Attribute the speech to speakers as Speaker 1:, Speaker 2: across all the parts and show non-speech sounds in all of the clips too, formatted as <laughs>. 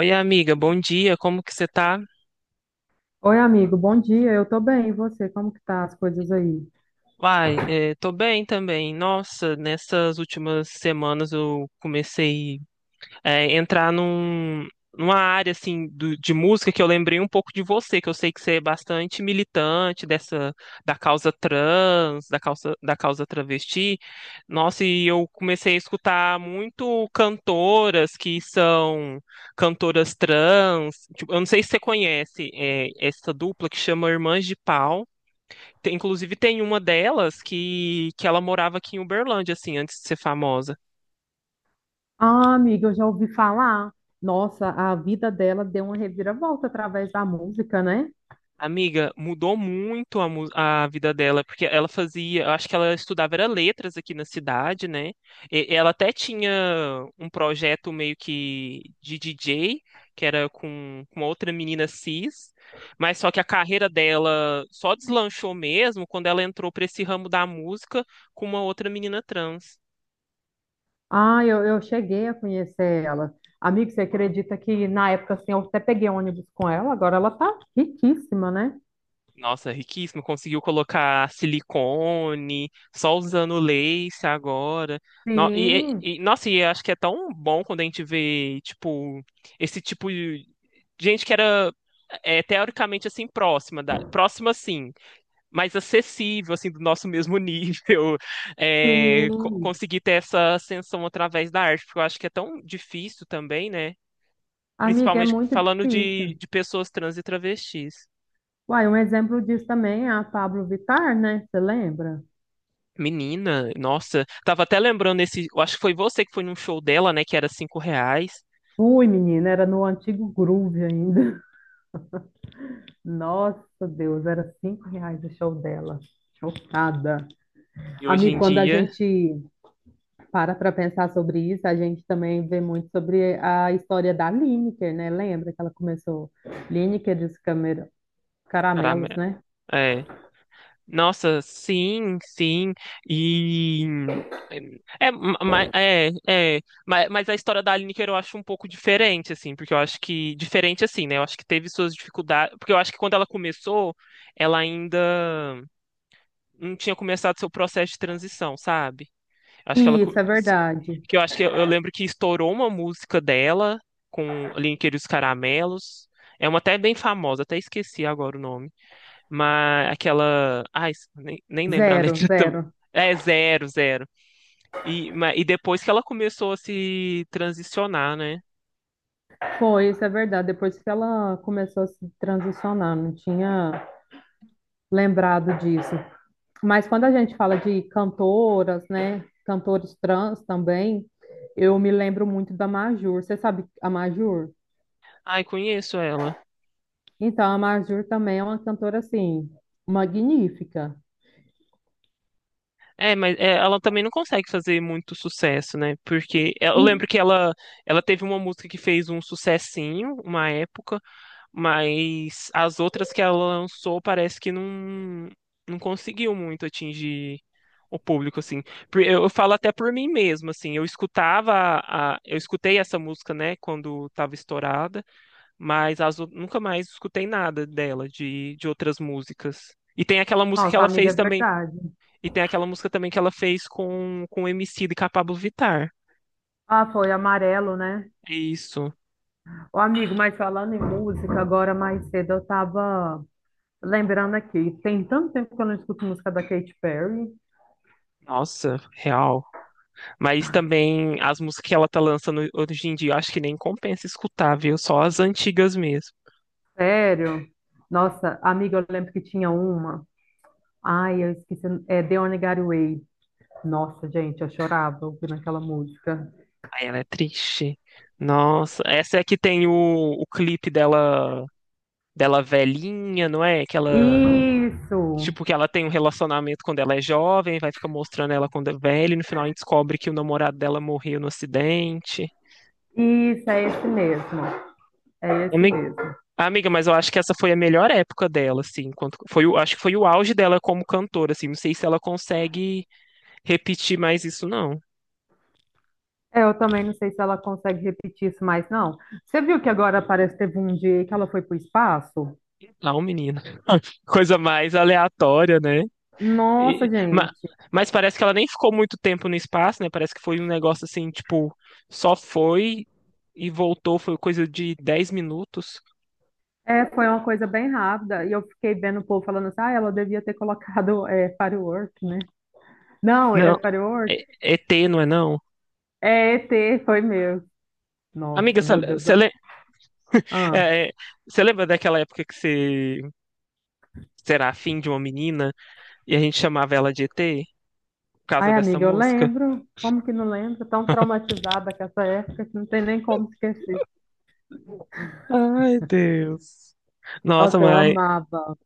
Speaker 1: Oi, amiga, bom dia, como que você tá?
Speaker 2: Oi, amigo, bom dia. Eu tô bem, e você? Como que tá as coisas aí?
Speaker 1: Uai, tô bem também. Nossa, nessas últimas semanas eu comecei a entrar numa área assim de música que eu lembrei um pouco de você, que eu sei que você é bastante militante dessa da causa trans, da causa travesti. Nossa, e eu comecei a escutar muito cantoras que são cantoras trans. Tipo, eu não sei se você conhece, essa dupla que chama Irmãs de Pau. Inclusive, tem uma delas que ela morava aqui em Uberlândia, assim, antes de ser famosa.
Speaker 2: Ah, amiga, eu já ouvi falar. Nossa, a vida dela deu uma reviravolta através da música, né?
Speaker 1: Amiga, mudou muito a vida dela, porque ela fazia, eu acho que ela estudava era letras aqui na cidade, né? Ela até tinha um projeto meio que de DJ, que era com outra menina cis, mas só que a carreira dela só deslanchou mesmo quando ela entrou para esse ramo da música com uma outra menina trans.
Speaker 2: Ah, eu cheguei a conhecer ela. Amigo, você acredita que na época assim, eu até peguei ônibus com ela, agora ela tá riquíssima, né?
Speaker 1: Nossa, riquíssimo. Conseguiu colocar silicone, só usando lace agora.
Speaker 2: Sim,
Speaker 1: Nossa, e eu acho que é tão bom quando a gente vê, tipo, esse tipo de gente que era é, teoricamente assim próxima da, próxima sim, mas acessível assim do nosso mesmo nível, <laughs> é,
Speaker 2: sim.
Speaker 1: conseguir ter essa ascensão através da arte, porque eu acho que é tão difícil também, né?
Speaker 2: Amiga, é
Speaker 1: Principalmente
Speaker 2: muito
Speaker 1: falando
Speaker 2: difícil.
Speaker 1: de pessoas trans e travestis.
Speaker 2: Uai, um exemplo disso também é a Pablo Vittar, né? Você lembra?
Speaker 1: Menina, nossa, tava até lembrando esse, eu acho que foi você que foi num show dela, né, que era cinco reais,
Speaker 2: Fui, menina, era no antigo Groove ainda. Nossa, Deus, era 5 reais o show dela. Chocada.
Speaker 1: e hoje
Speaker 2: Amigo,
Speaker 1: em
Speaker 2: quando a
Speaker 1: dia,
Speaker 2: gente para pensar sobre isso, a gente também vê muito sobre a história da Lineker, né? Lembra que ela começou Lineker e os
Speaker 1: caramba,
Speaker 2: caramelos, né?
Speaker 1: é, nossa, sim, e, é, mas a história da Lineker eu acho um pouco diferente, assim, porque eu acho que, diferente assim, né, eu acho que teve suas dificuldades, porque eu acho que quando ela começou, ela ainda não tinha começado seu processo de transição, sabe? Acho que ela.
Speaker 2: Isso é verdade.
Speaker 1: Que eu acho que eu lembro que estourou uma música dela com ali entre os caramelos. É uma até bem famosa, até esqueci agora o nome. Mas aquela. Ai, nem lembro a
Speaker 2: Zero,
Speaker 1: letra <laughs> também.
Speaker 2: zero.
Speaker 1: É zero, zero. E, e depois que ela começou a se transicionar, né?
Speaker 2: Foi, isso é verdade. Depois que ela começou a se transicionar, não tinha lembrado disso. Mas quando a gente fala de cantoras, né, cantores trans também, eu me lembro muito da Majur. Você sabe a Majur?
Speaker 1: Ai, conheço ela.
Speaker 2: Então, a Majur também é uma cantora, assim, magnífica.
Speaker 1: É, mas é, ela também não consegue fazer muito sucesso, né? Porque é, eu
Speaker 2: E.
Speaker 1: lembro que ela teve uma música que fez um sucessinho, uma época. Mas as outras que ela lançou parece que não, não conseguiu muito atingir o público, assim. Eu falo até por mim mesmo, assim. Eu escutava eu escutei essa música, né, quando estava estourada, mas nunca mais escutei nada dela, de outras músicas. E tem aquela música que
Speaker 2: Nossa,
Speaker 1: ela
Speaker 2: amiga, é
Speaker 1: fez também,
Speaker 2: verdade.
Speaker 1: e tem aquela música também que ela fez com o Emicida e com a Pabllo Vittar.
Speaker 2: Ah, foi amarelo, né?
Speaker 1: É isso.
Speaker 2: Ô, amigo, mas falando em música, agora mais cedo eu tava lembrando aqui. Tem tanto tempo que eu não escuto música da Katy Perry.
Speaker 1: Nossa, real. Mas também as músicas que ela tá lançando hoje em dia, eu acho que nem compensa escutar, viu? Só as antigas mesmo.
Speaker 2: Sério? Nossa, amiga, eu lembro que tinha uma. Ai, eu esqueci. É The Only Gateway. Nossa, gente, eu chorava ouvindo aquela música.
Speaker 1: Aí ela é triste. Nossa, essa é que tem o clipe dela, dela velhinha, não é? Que ela,
Speaker 2: Isso!
Speaker 1: tipo, que ela tem um relacionamento quando ela é jovem, vai ficar mostrando ela quando é velha, e no final a gente descobre que o namorado dela morreu no acidente.
Speaker 2: Isso, é esse mesmo. É esse
Speaker 1: Ami-
Speaker 2: mesmo.
Speaker 1: Amiga, mas eu acho que essa foi a melhor época dela, assim, enquanto foi o, acho que foi o auge dela como cantora, assim, não sei se ela consegue repetir mais isso, não.
Speaker 2: É, eu também não sei se ela consegue repetir isso mais, não. Você viu que agora parece que teve um dia aí que ela foi pro espaço?
Speaker 1: Não, menina. Coisa mais aleatória, né?
Speaker 2: Nossa,
Speaker 1: E- ma-
Speaker 2: gente.
Speaker 1: mas parece que ela nem ficou muito tempo no espaço, né? Parece que foi um negócio assim, tipo, só foi e voltou, foi coisa de 10 minutos.
Speaker 2: É, foi uma coisa bem rápida. E eu fiquei vendo o povo falando assim, ah, ela devia ter colocado Firework, né? Não, é
Speaker 1: Não,
Speaker 2: Firework?
Speaker 1: é, ET, não é não?
Speaker 2: É ET, foi meu.
Speaker 1: Amiga,
Speaker 2: Nossa,
Speaker 1: você
Speaker 2: meu Deus.
Speaker 1: le-
Speaker 2: Ah.
Speaker 1: é, é, você lembra daquela época que você era afim de uma menina e a gente chamava ela de ET por causa
Speaker 2: Ai,
Speaker 1: dessa
Speaker 2: amiga, eu
Speaker 1: música?
Speaker 2: lembro. Como que não lembro? Tão traumatizada com essa época que não tem nem como esquecer.
Speaker 1: Ai, Deus. Nossa,
Speaker 2: Nossa, eu
Speaker 1: mas
Speaker 2: amava.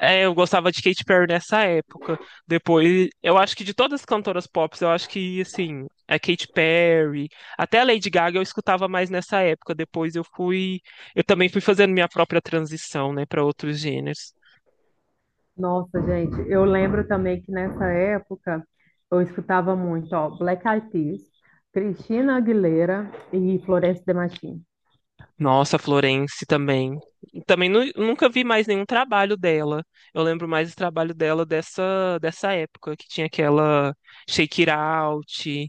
Speaker 1: é, eu gostava de Katy Perry nessa época. Depois, eu acho que de todas as cantoras pop, eu acho que, assim, a Katy Perry, até a Lady Gaga eu escutava mais nessa época. Depois eu fui, eu também fui fazendo minha própria transição, né, para outros gêneros.
Speaker 2: Nossa, gente, eu lembro também que nessa época eu escutava muito, ó, Black Eyed Peas, Cristina Aguilera e Florence Demachim.
Speaker 1: Nossa, Florence também. Também nunca vi mais nenhum trabalho dela. Eu lembro mais do trabalho dela dessa época, que tinha aquela Shake It Out,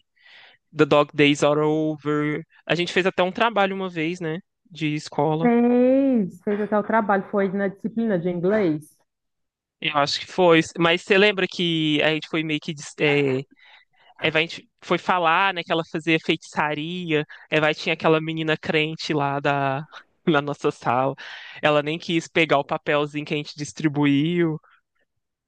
Speaker 1: The Dog Days Are Over. A gente fez até um trabalho uma vez, né? De escola.
Speaker 2: Fez até o trabalho, foi na disciplina de inglês.
Speaker 1: Eu acho que foi. Mas você lembra que a gente foi meio que. É, Eva, a gente foi falar, né? Que ela fazia feitiçaria. Eva tinha aquela menina crente lá da, <laughs> na nossa sala. Ela nem quis pegar o papelzinho que a gente distribuiu.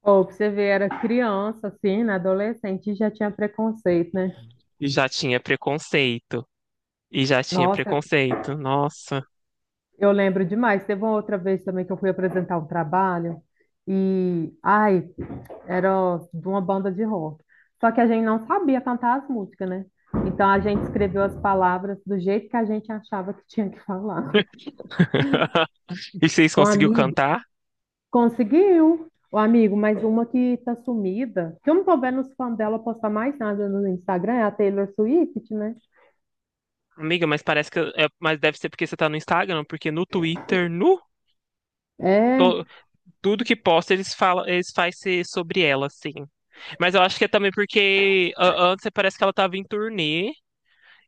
Speaker 2: Ou pra você ver, era criança, assim, né, adolescente, e já tinha preconceito, né?
Speaker 1: E já tinha preconceito. E já tinha
Speaker 2: Nossa,
Speaker 1: preconceito. Nossa.
Speaker 2: eu lembro demais. Teve uma outra vez também que eu fui apresentar um trabalho e, ai, era de uma banda de rock. Só que a gente não sabia cantar as músicas, né? Então a gente escreveu as palavras do jeito que a gente achava que tinha que falar.
Speaker 1: <laughs> E vocês
Speaker 2: O
Speaker 1: conseguiu
Speaker 2: amigo
Speaker 1: cantar?
Speaker 2: conseguiu. O amigo, mas uma que tá sumida, que eu não tô vendo os fãs dela postar mais nada no Instagram, é a Taylor Swift, né?
Speaker 1: Amiga, mas parece que. Mas deve ser porque você tá no Instagram, porque no Twitter, no.
Speaker 2: É.
Speaker 1: to- Tudo que posta eles falam, eles faz ser sobre ela, assim. Mas eu acho que é também porque antes parece que ela tava em turnê.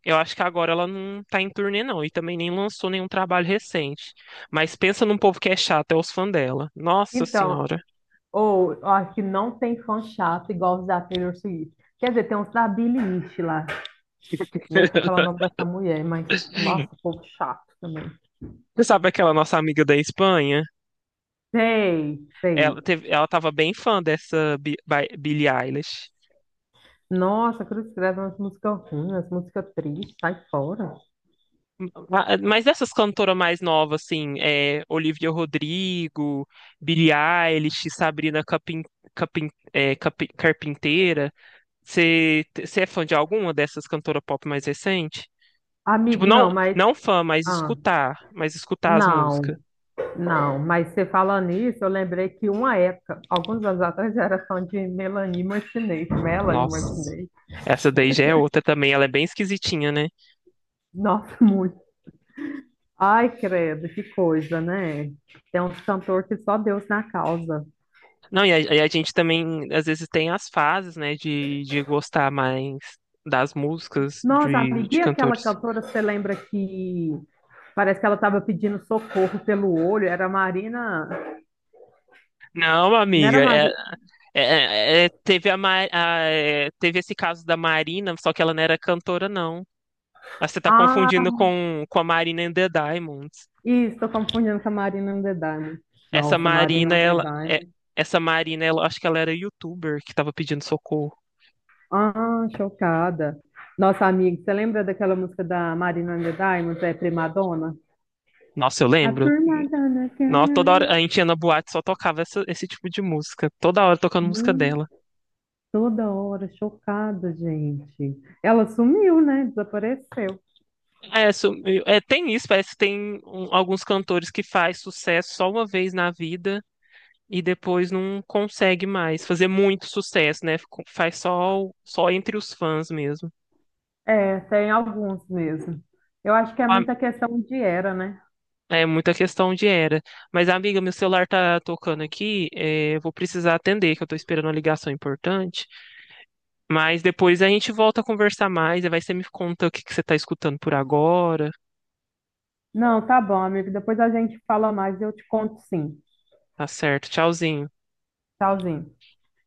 Speaker 1: Eu acho que agora ela não tá em turnê, não. E também nem lançou nenhum trabalho recente. Mas pensa num povo que é chato, é os fãs dela. Nossa
Speaker 2: Então,
Speaker 1: Senhora.
Speaker 2: ou eu acho que não tem fã chato igual os da Taylor Swift. Quer dizer, tem uns da Billie Eilish lá. Nem sei falar o nome
Speaker 1: <laughs>
Speaker 2: dessa mulher, mas nossa, povo chato também.
Speaker 1: Você sabe aquela nossa amiga da Espanha?
Speaker 2: Sei,
Speaker 1: Ela
Speaker 2: sei.
Speaker 1: teve, ela tava bem fã dessa Billie Eilish.
Speaker 2: Nossa, quando escreve umas músicas ruins, umas músicas tristes, sai fora.
Speaker 1: Mas essas cantoras mais novas, assim, é, Olivia Rodrigo, Billie Eilish, Sabrina Capin, Carpinteira, você é fã de alguma dessas cantoras pop mais recente? Tipo,
Speaker 2: Amigo,
Speaker 1: não,
Speaker 2: não, mas.
Speaker 1: não fã,
Speaker 2: Ah,
Speaker 1: mas escutar as
Speaker 2: não,
Speaker 1: músicas.
Speaker 2: não. Mas você falando nisso, eu lembrei que uma época, alguns anos atrás, eu era fã de Melanie Martinez. Melanie
Speaker 1: Nossa,
Speaker 2: Martinez.
Speaker 1: essa daí já é outra também, ela é bem esquisitinha, né?
Speaker 2: Nossa, muito. Ai, credo, que coisa, né? Tem uns cantor que só Deus na causa.
Speaker 1: Não, e a gente também, às vezes, tem as fases, né, de gostar mais das músicas
Speaker 2: Nossa, amiga,
Speaker 1: de
Speaker 2: e aquela
Speaker 1: cantores.
Speaker 2: cantora, você lembra que parece que ela estava pedindo socorro pelo olho? Era a Marina.
Speaker 1: Não,
Speaker 2: Não era a
Speaker 1: amiga, é
Speaker 2: Marina.
Speaker 1: É, teve é, teve esse caso da Marina, só que ela não era cantora, não. Ah, você tá
Speaker 2: Ah,
Speaker 1: confundindo com a Marina and the Diamonds.
Speaker 2: isso, estou confundindo com a Marina and the Diamond.
Speaker 1: Essa
Speaker 2: Nossa, Marina
Speaker 1: Marina,
Speaker 2: and the
Speaker 1: ela,
Speaker 2: Diamond.
Speaker 1: essa Marina, ela, acho que ela era YouTuber que tava pedindo socorro.
Speaker 2: Ah, chocada. Nossa, amiga, você lembra daquela música da Marina and the Diamond, é Primadonna?
Speaker 1: Nossa, eu
Speaker 2: A
Speaker 1: lembro.
Speaker 2: Primadonna
Speaker 1: Nossa, toda hora a gente ia na boate só tocava esse tipo de música. Toda hora tocando música
Speaker 2: Girl.
Speaker 1: dela.
Speaker 2: Toda hora, chocada, gente. Ela sumiu, né? Desapareceu.
Speaker 1: É, é, tem isso, parece que tem um, alguns cantores que faz sucesso só uma vez na vida. E depois não consegue mais fazer muito sucesso, né? Faz só, só entre os fãs mesmo.
Speaker 2: É, tem alguns mesmo. Eu acho que é
Speaker 1: A-
Speaker 2: muita questão de era, né?
Speaker 1: É muita questão de era. Mas, amiga, meu celular tá tocando aqui, é, eu vou precisar atender, que eu tô esperando uma ligação importante. Mas depois a gente volta a conversar mais, aí vai você me conta o que que você tá escutando por agora.
Speaker 2: Não, tá bom, amigo. Depois a gente fala mais e eu te conto sim.
Speaker 1: Tá certo, tchauzinho.
Speaker 2: Tchauzinho.